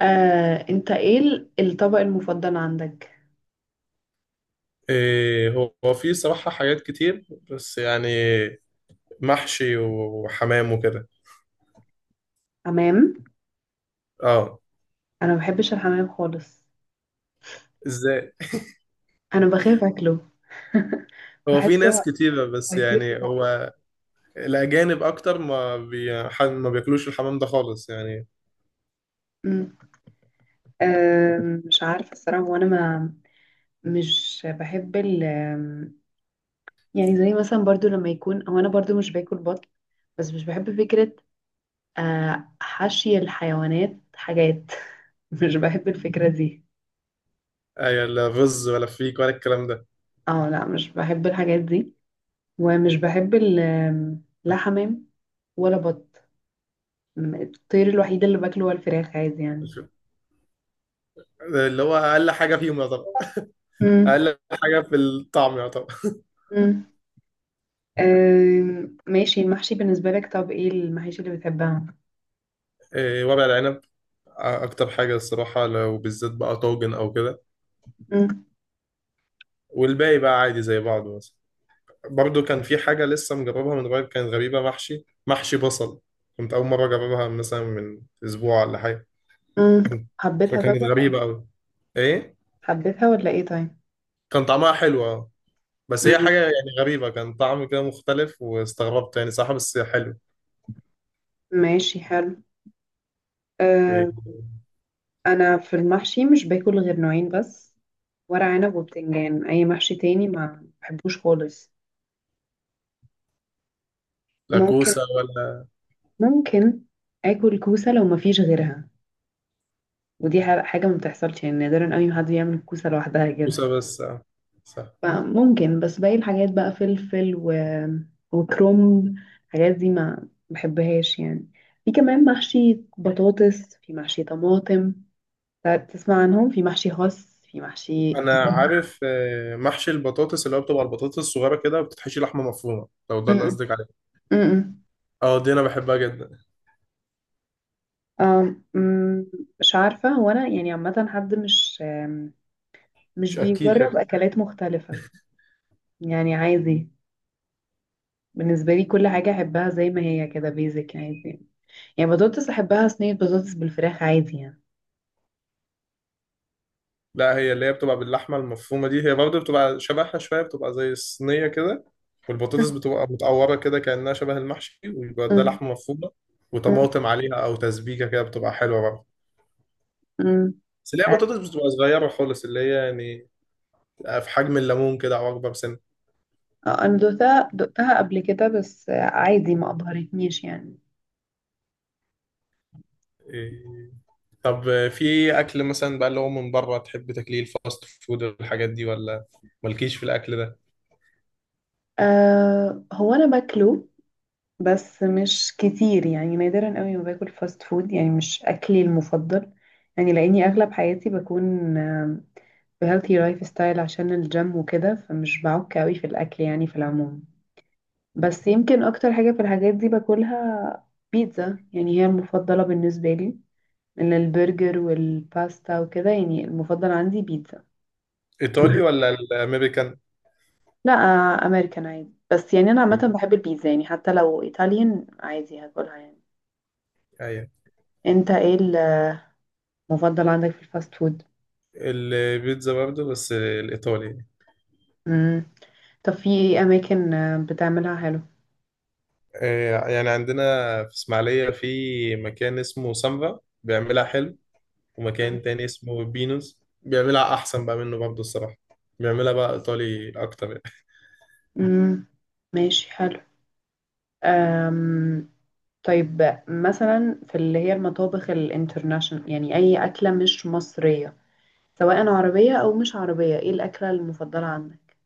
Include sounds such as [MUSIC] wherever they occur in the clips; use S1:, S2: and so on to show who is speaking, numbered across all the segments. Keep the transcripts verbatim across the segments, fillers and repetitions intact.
S1: آه، انت ايه ال- الطبق المفضل عندك؟
S2: إيه، هو هو في صراحة حاجات كتير بس يعني محشي وحمام وكده.
S1: حمام!
S2: اه.
S1: انا ما بحبش الحمام خالص.
S2: ازاي؟
S1: انا بخاف اكله. [LAUGHS]
S2: هو في
S1: بحسه
S2: ناس كتيرة بس
S1: هيطير في
S2: يعني
S1: بقي.
S2: هو الأجانب أكتر ما بي... ح- ما بياكلوش الحمام ده خالص يعني.
S1: أمم. آم، مش عارفه الصراحه، وانا ما مش بحب ال آم، يعني زي مثلا، برضو لما يكون هو، انا برضو مش باكل بط، بس مش بحب فكره آه، حشي الحيوانات، حاجات. [LAUGHS] مش بحب الفكره دي.
S2: أي، لا رز ولا فيك ولا الكلام ده.
S1: اه لا، مش بحب الحاجات دي، ومش بحب ال آم، لا حمام ولا بط. م- الطير الوحيد اللي باكله هو الفراخ، عادي يعني.
S2: اللي هو أقل حاجة فيهم يعتبر،
S1: امم.
S2: أقل حاجة في الطعم يعتبر.
S1: امم. أم، ماشي، المحشي بالنسبة لك. طب ايه المحاشي اللي بتحبها؟
S2: إيه، ورق العنب أكتر حاجة الصراحة، لو بالذات بقى طاجن أو كده.
S1: امم.
S2: والباقي بقى عادي زي بعضه. برضو كان في حاجة لسه مجربها من قريب، كانت غريبة، محشي محشي بصل. كنت أول مرة أجربها مثلا من أسبوع ولا حاجة.
S1: امم.
S2: كنت
S1: حبيتها طب
S2: فكانت
S1: ولا ايه؟
S2: غريبة أوي. إيه،
S1: حبيتها ولا ايه طيب؟
S2: كان طعمها حلو أه. بس هي
S1: مم،
S2: حاجة يعني غريبة، كان طعم كده مختلف واستغربت يعني، صح بس حلو.
S1: ماشي، حلو.
S2: إيه،
S1: أه. انا في المحشي مش باكل غير نوعين بس، ورق عنب وبتنجان. اي محشي تاني ما بحبوش خالص.
S2: لا
S1: ممكن،
S2: كوسة ولا
S1: ممكن اكل كوسة لو ما فيش غيرها، ودي ح- حاجة ما بتحصلش يعني، نادرا قوي ما حد يعمل كوسة لوحدها كده.
S2: كوسة بس آه، صح.
S1: فممكن، بس باقي الحاجات بقى فلفل و... وكرومب، الحاجات دي ما بحبهاش يعني. في كمان محشي بطاطس، في محشي طماطم. ت- تسمع عنهم؟ في محشي خس، في محشي م-
S2: أنا عارف، آه، محشي البطاطس اللي هو بتبقى البطاطس الصغيرة كده، وبتتحشي لحمة مفرومة، لو ده اللي قصدك عليه.
S1: م- م.
S2: أه دي أنا بحبها جدا.
S1: آم، م، مش عارفة، هو أنا يعني عامة حد مش آم، مش
S2: مش أكيد.
S1: بيجرب أكلات مختلفة، يعني عادي. بالنسبة لي كل حاجة أحبها زي ما هي كده، بيزك عادي يعني. بطاطس أحبها صينية، بطاطس بالفراخ، عادي يعني.
S2: لا، هي اللي هي بتبقى باللحمة المفرومة دي، هي برضه بتبقى شبهها شوية، بتبقى زي الصينية كده. والبطاطس بتبقى متقورة كده كأنها شبه المحشي، ويبقى ده
S1: م-
S2: لحمة مفرومة،
S1: م-
S2: وطماطم عليها أو تسبيكة كده بتبقى حلوة برضه.
S1: امم.
S2: بس اللي هي بطاطس بتبقى صغيرة خالص، اللي هي يعني في حجم الليمون كده أو أكبر سنة.
S1: آه، انا دقتها دقتها قبل كده، بس آه، عادي، ما ابهرتنيش يعني.
S2: إيه، طب في أكل مثلا بقى اللي هو من بره تحب تاكليه، الفاست فود والحاجات دي، ولا مالكيش في الأكل ده؟
S1: أه، هو انا باكله، بس مش كتير يعني، نادرا قوي ما باكل فاست فود، يعني مش اكلي المفضل، يعني لاني اغلب حياتي بكون هيلثي لايف ستايل، عشان الجيم وكده، فمش بعك قوي في الاكل يعني، في العموم. بس يمكن اكتر حاجة في الحاجات دي باكلها بيتزا، يعني هي المفضلة بالنسبة لي، من البرجر والباستا وكده، يعني المفضل عندي بيتزا. [LAUGHS]
S2: إيطالي ولا الأمريكان؟
S1: لا آه، امريكان عادي، بس يعني انا عامه بحب البيتزا يعني، حتى لو ايطاليان عادي هاكلها يعني.
S2: أيوه.
S1: انت ايه المفضل عندك في الفاست فود؟
S2: البيتزا برضه بس الإيطالي.
S1: امم. طب في ايه اماكن آه، بتعملها حلو؟
S2: آه، يعني عندنا في اسماعيلية في مكان اسمه سامبا بيعملها حلو، ومكان تاني اسمه بينوس بيعملها أحسن بقى منه برضه الصراحة، بيعملها بقى إيطالي أكتر يعني.
S1: امم، ماشي حلو. أم... طيب، مثلا في اللي هي المطابخ الانترناشونال، يعني اي اكله مش مصريه، سواء عربيه او مش عربيه، ايه الاكله المفضله عندك؟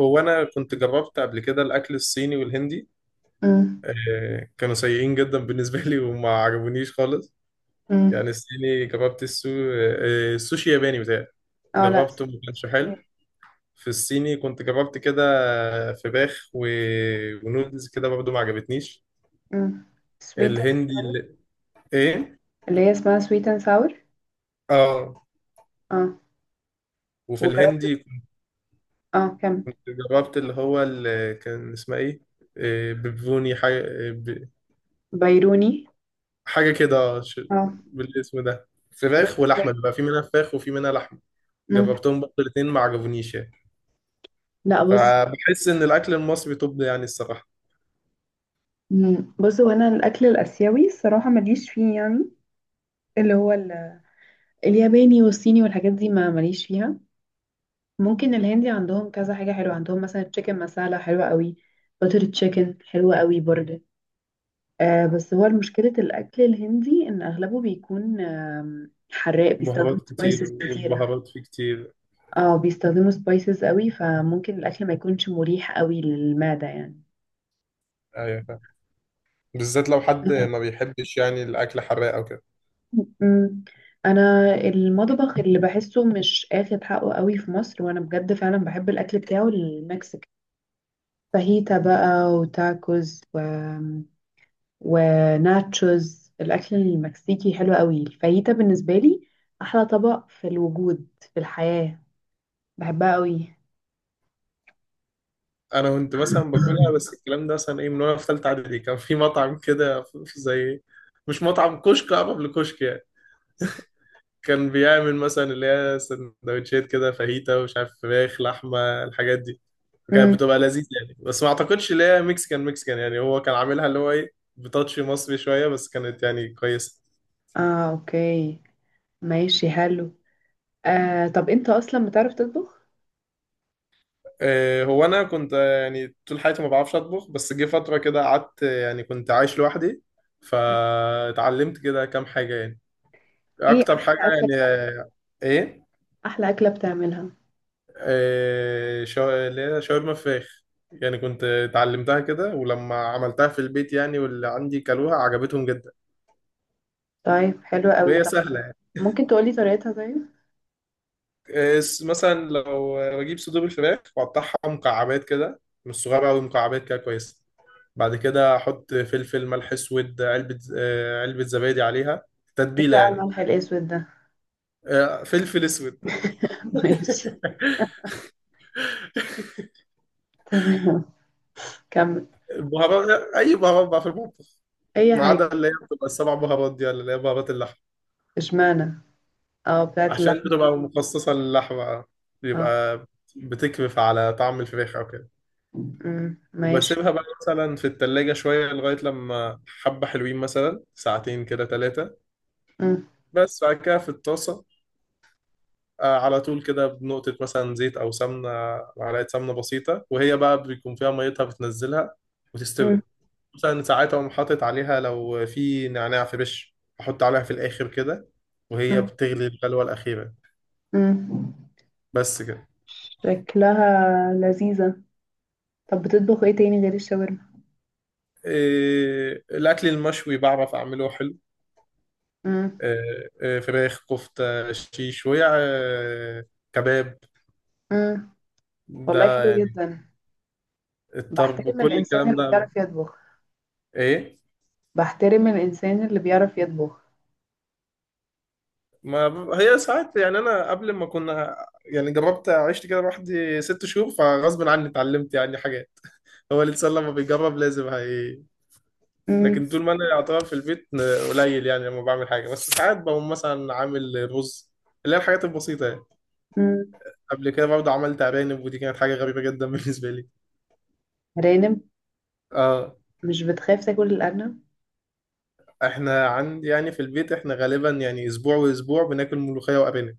S2: هو أنا كنت جربت قبل كده الأكل الصيني والهندي.
S1: امم.
S2: آه، كانوا سيئين جدا بالنسبة لي وما عجبونيش خالص. يعني
S1: امم.
S2: الصيني جربت السو... آه، السوشي ياباني بتاعي،
S1: اه لا،
S2: جربته ما كانش حلو.
S1: سويت.
S2: في الصيني كنت جربت كده فراخ و... ونودلز كده برضه ما عجبتنيش.
S1: امم. سويت،
S2: الهندي اللي... ايه،
S1: اللي هي اسمها سويت اند ساور.
S2: اه.
S1: اه.
S2: وفي
S1: وجربت.
S2: الهندي
S1: اه كمل.
S2: كنت جربت اللي هو اللي كان اسمها ايه، إيه، ببوني حاجة، إيه، ب-
S1: بيروني.
S2: حاجة كده، ش-
S1: اه.
S2: بالاسم ده.
S1: رز
S2: فراخ ولحمة،
S1: بيروني.
S2: بيبقى في منها فراخ وفي منها لحمة.
S1: مم.
S2: جربتهم برضه الاتنين ما عجبونيش يعني.
S1: لا بص،
S2: فبحس ان الاكل المصري طب يعني الصراحة.
S1: مم. بص، هو انا الاكل الاسيوي الصراحه ماليش فيه يعني، اللي هو ال- الياباني والصيني والحاجات دي ما ماليش فيها. ممكن الهندي عندهم كذا حاجه حلوه، عندهم مثلا تشيكن مسالة حلوه قوي، بتر تشيكن حلوه قوي برضه. آه بس هو مشكله الاكل الهندي ان اغلبه بيكون آم، حراق، بيستخدم
S2: بهارات كتير
S1: سبايسز كتيره.
S2: والبهارات فيه كتير.
S1: اه بيستخدموا سبايسز قوي، فممكن الاكل ما يكونش مريح قوي للمعدة يعني.
S2: ايوه فاهم. بالذات لو حد ما بيحبش يعني الاكل حراق او كده.
S1: أمم، [LAUGHS] انا المطبخ اللي بحسه مش اخد حقه قوي في مصر، وانا بجد فعلا بحب الاكل بتاعه المكسيك، فاهيتا بقى وتاكوز و... وناتشوز، الاكل المكسيكي حلو قوي. الفاهيتا بالنسبة لي احلى طبق في الوجود، في الحياة، بحبها قوي.
S2: انا كنت مثلا باكلها، بس
S1: [LAUGHS]
S2: الكلام ده مثلا ايه من وانا في ثالثه اعدادي. كان في مطعم كده في- في زي إيه، مش مطعم، كشك، قبل كشك يعني. كان بيعمل مثلا اللي هي سندوتشات كده فاهيتا ومش عارف فراخ لحمه الحاجات دي. كانت
S1: امم.
S2: بتبقى لذيذه يعني، بس ما اعتقدش اللي هي مكسيكان مكسيكان يعني، هو كان عاملها اللي هو ايه، بتاتش مصري شويه، بس كانت يعني كويسه.
S1: اه اوكي، ماشي حلو. آه طب انت اصلا بتعرف تطبخ؟
S2: آه، هو انا كنت، آه، يعني طول حياتي ما بعرفش اطبخ، بس جه فتره كده قعدت، آه، يعني كنت عايش لوحدي
S1: مم.
S2: فاتعلمت كده كام حاجه يعني،
S1: ايه
S2: اكتر حاجه
S1: احلى اكله
S2: يعني.
S1: بتعملها؟
S2: ايه؟
S1: احلى اكله بتعملها؟
S2: آه، شا- اللي هي شاورما فراخ. يعني كنت اتعلمتها كده، ولما عملتها في البيت يعني واللي عندي كلوها عجبتهم جدا،
S1: طيب حلو قوي.
S2: وهي
S1: طب
S2: سهله يعني.
S1: ممكن تقولي طريقتها طيب؟
S2: آه، س- مثلا لو بجيب صدور الفراخ واقطعها مكعبات كده، مش صغيره قوي، مكعبات كده كويسه. بعد كده احط فلفل، ملح اسود، علبه، آه، علبه زبادي عليها،
S1: ايه
S2: تتبيله
S1: بقى
S2: يعني.
S1: الملح الاسود ده؟
S2: آه، فلفل اسود. [LAUGHS]
S1: [LAUGHS] ماشي، تمام، كمل.
S2: بهارات، اي بهارات بقى في المطبخ،
S1: اي
S2: ما عدا
S1: حاجه.
S2: اللي هي بتبقى السبع بهارات دي ولا اللي هي بهارات اللحم،
S1: اشمعنى؟ اه بتاعت
S2: عشان
S1: اللحمه.
S2: بتبقى مخصصة للحمة،
S1: اه.
S2: بيبقى بتكرف على طعم الفراخ أو كده.
S1: امم، ماشي.
S2: وبسيبها بقى مثلا في التلاجة شوية لغاية لما حبة حلوين، مثلا ساعتين كده ثلاثة.
S1: امم.
S2: بس بعد كده في الطاسة، آه، على طول كده بنقطة مثلا زيت أو سمنة، معلقة سمنة بسيطة، وهي بقى بيكون فيها ميتها بتنزلها
S1: امم.
S2: وتستوي. مثلا ساعات أقوم حاطط عليها، لو في نعناع فريش أحط عليها في الآخر كده وهي
S1: امم.
S2: بتغلي الغلوة الأخيرة.
S1: امم.
S2: بس كده.
S1: شكلها لذيذه. طب بتطبخ ايه تاني غير الشاورما؟
S2: إيه الأكل المشوي بعرف أعمله حلو.
S1: امم.
S2: إيه إيه فراخ كفتة شيشوية إيه كباب
S1: امم. والله
S2: ده
S1: حلو
S2: يعني،
S1: جدا.
S2: الطرب
S1: بحترم
S2: كل
S1: الانسان
S2: الكلام
S1: اللي
S2: ده.
S1: بيعرف يطبخ.
S2: إيه.
S1: بحترم الانسان اللي بيعرف يطبخ.
S2: ما ب- هي ساعات يعني، أنا قبل ما كنا يعني جربت عشت كده لوحدي ست شهور فغصب عني اتعلمت يعني حاجات. هو الإنسان لما بيجرب لازم هي.
S1: مم.
S2: لكن طول ما أنا يعتبر في البيت قليل يعني لما بعمل حاجة، بس ساعات بقوم مثلا عامل رز، اللي هي الحاجات البسيطة يعني.
S1: مم.
S2: قبل كده برضه عملت أرانب، ودي كانت حاجة غريبة جدا [LAUGHS] بالنسبة لي.
S1: رانب؟
S2: اه،
S1: مش بتخاف تاكل الأرنب؟
S2: احنا عند يعني في البيت احنا غالبا يعني اسبوع واسبوع بناكل ملوخية وأرانب.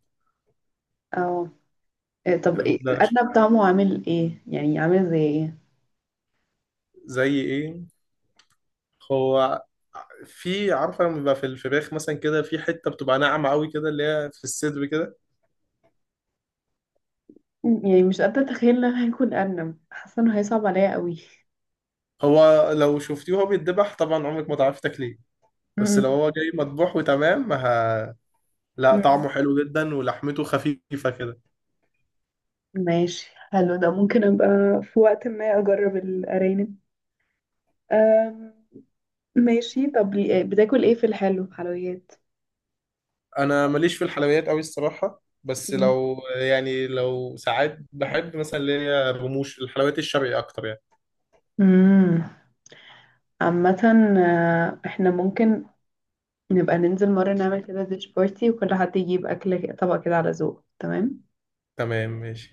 S1: اه. إيه، طب إيه
S2: بنعش-
S1: الأرنب طعمه عامل ايه، يعني عامل زي ايه؟
S2: زي ايه هو. في عارفة لما بيبقى في الفراخ مثلا كده في حتة بتبقى ناعمة قوي كده اللي هي في الصدر كده.
S1: مم. يعني مش قادرة اتخيل ان انا هاكل أرنب، حاسة انه هيصعب عليا قوي.
S2: هو لو شفتيه وهو بيتذبح طبعا عمرك ما تعرفي تاكليه. بس لو
S1: مم.
S2: هو جاي مطبوح وتمام ه... لا
S1: مم.
S2: طعمه حلو جدا ولحمته خفيفة كده.
S1: ماشي، حلو ده، ممكن ابقى في وقت ما اجرب الأرانب. أم. ماشي، طب لي- آه، بتاكل ايه في الحلو، حلويات؟
S2: انا ماليش في الحلويات قوي الصراحه، بس
S1: مم.
S2: لو يعني لو ساعات بحب مثلا اللي هي الرموش، الحلويات الشرقي اكتر يعني.
S1: مم. عامة آه، احنا ممكن نبقى ننزل مرة نعمل كده ديش بارتي، وكل حد يجيب أكل، طبق كده على ذوقه. تمام؟
S2: تمام ماشي.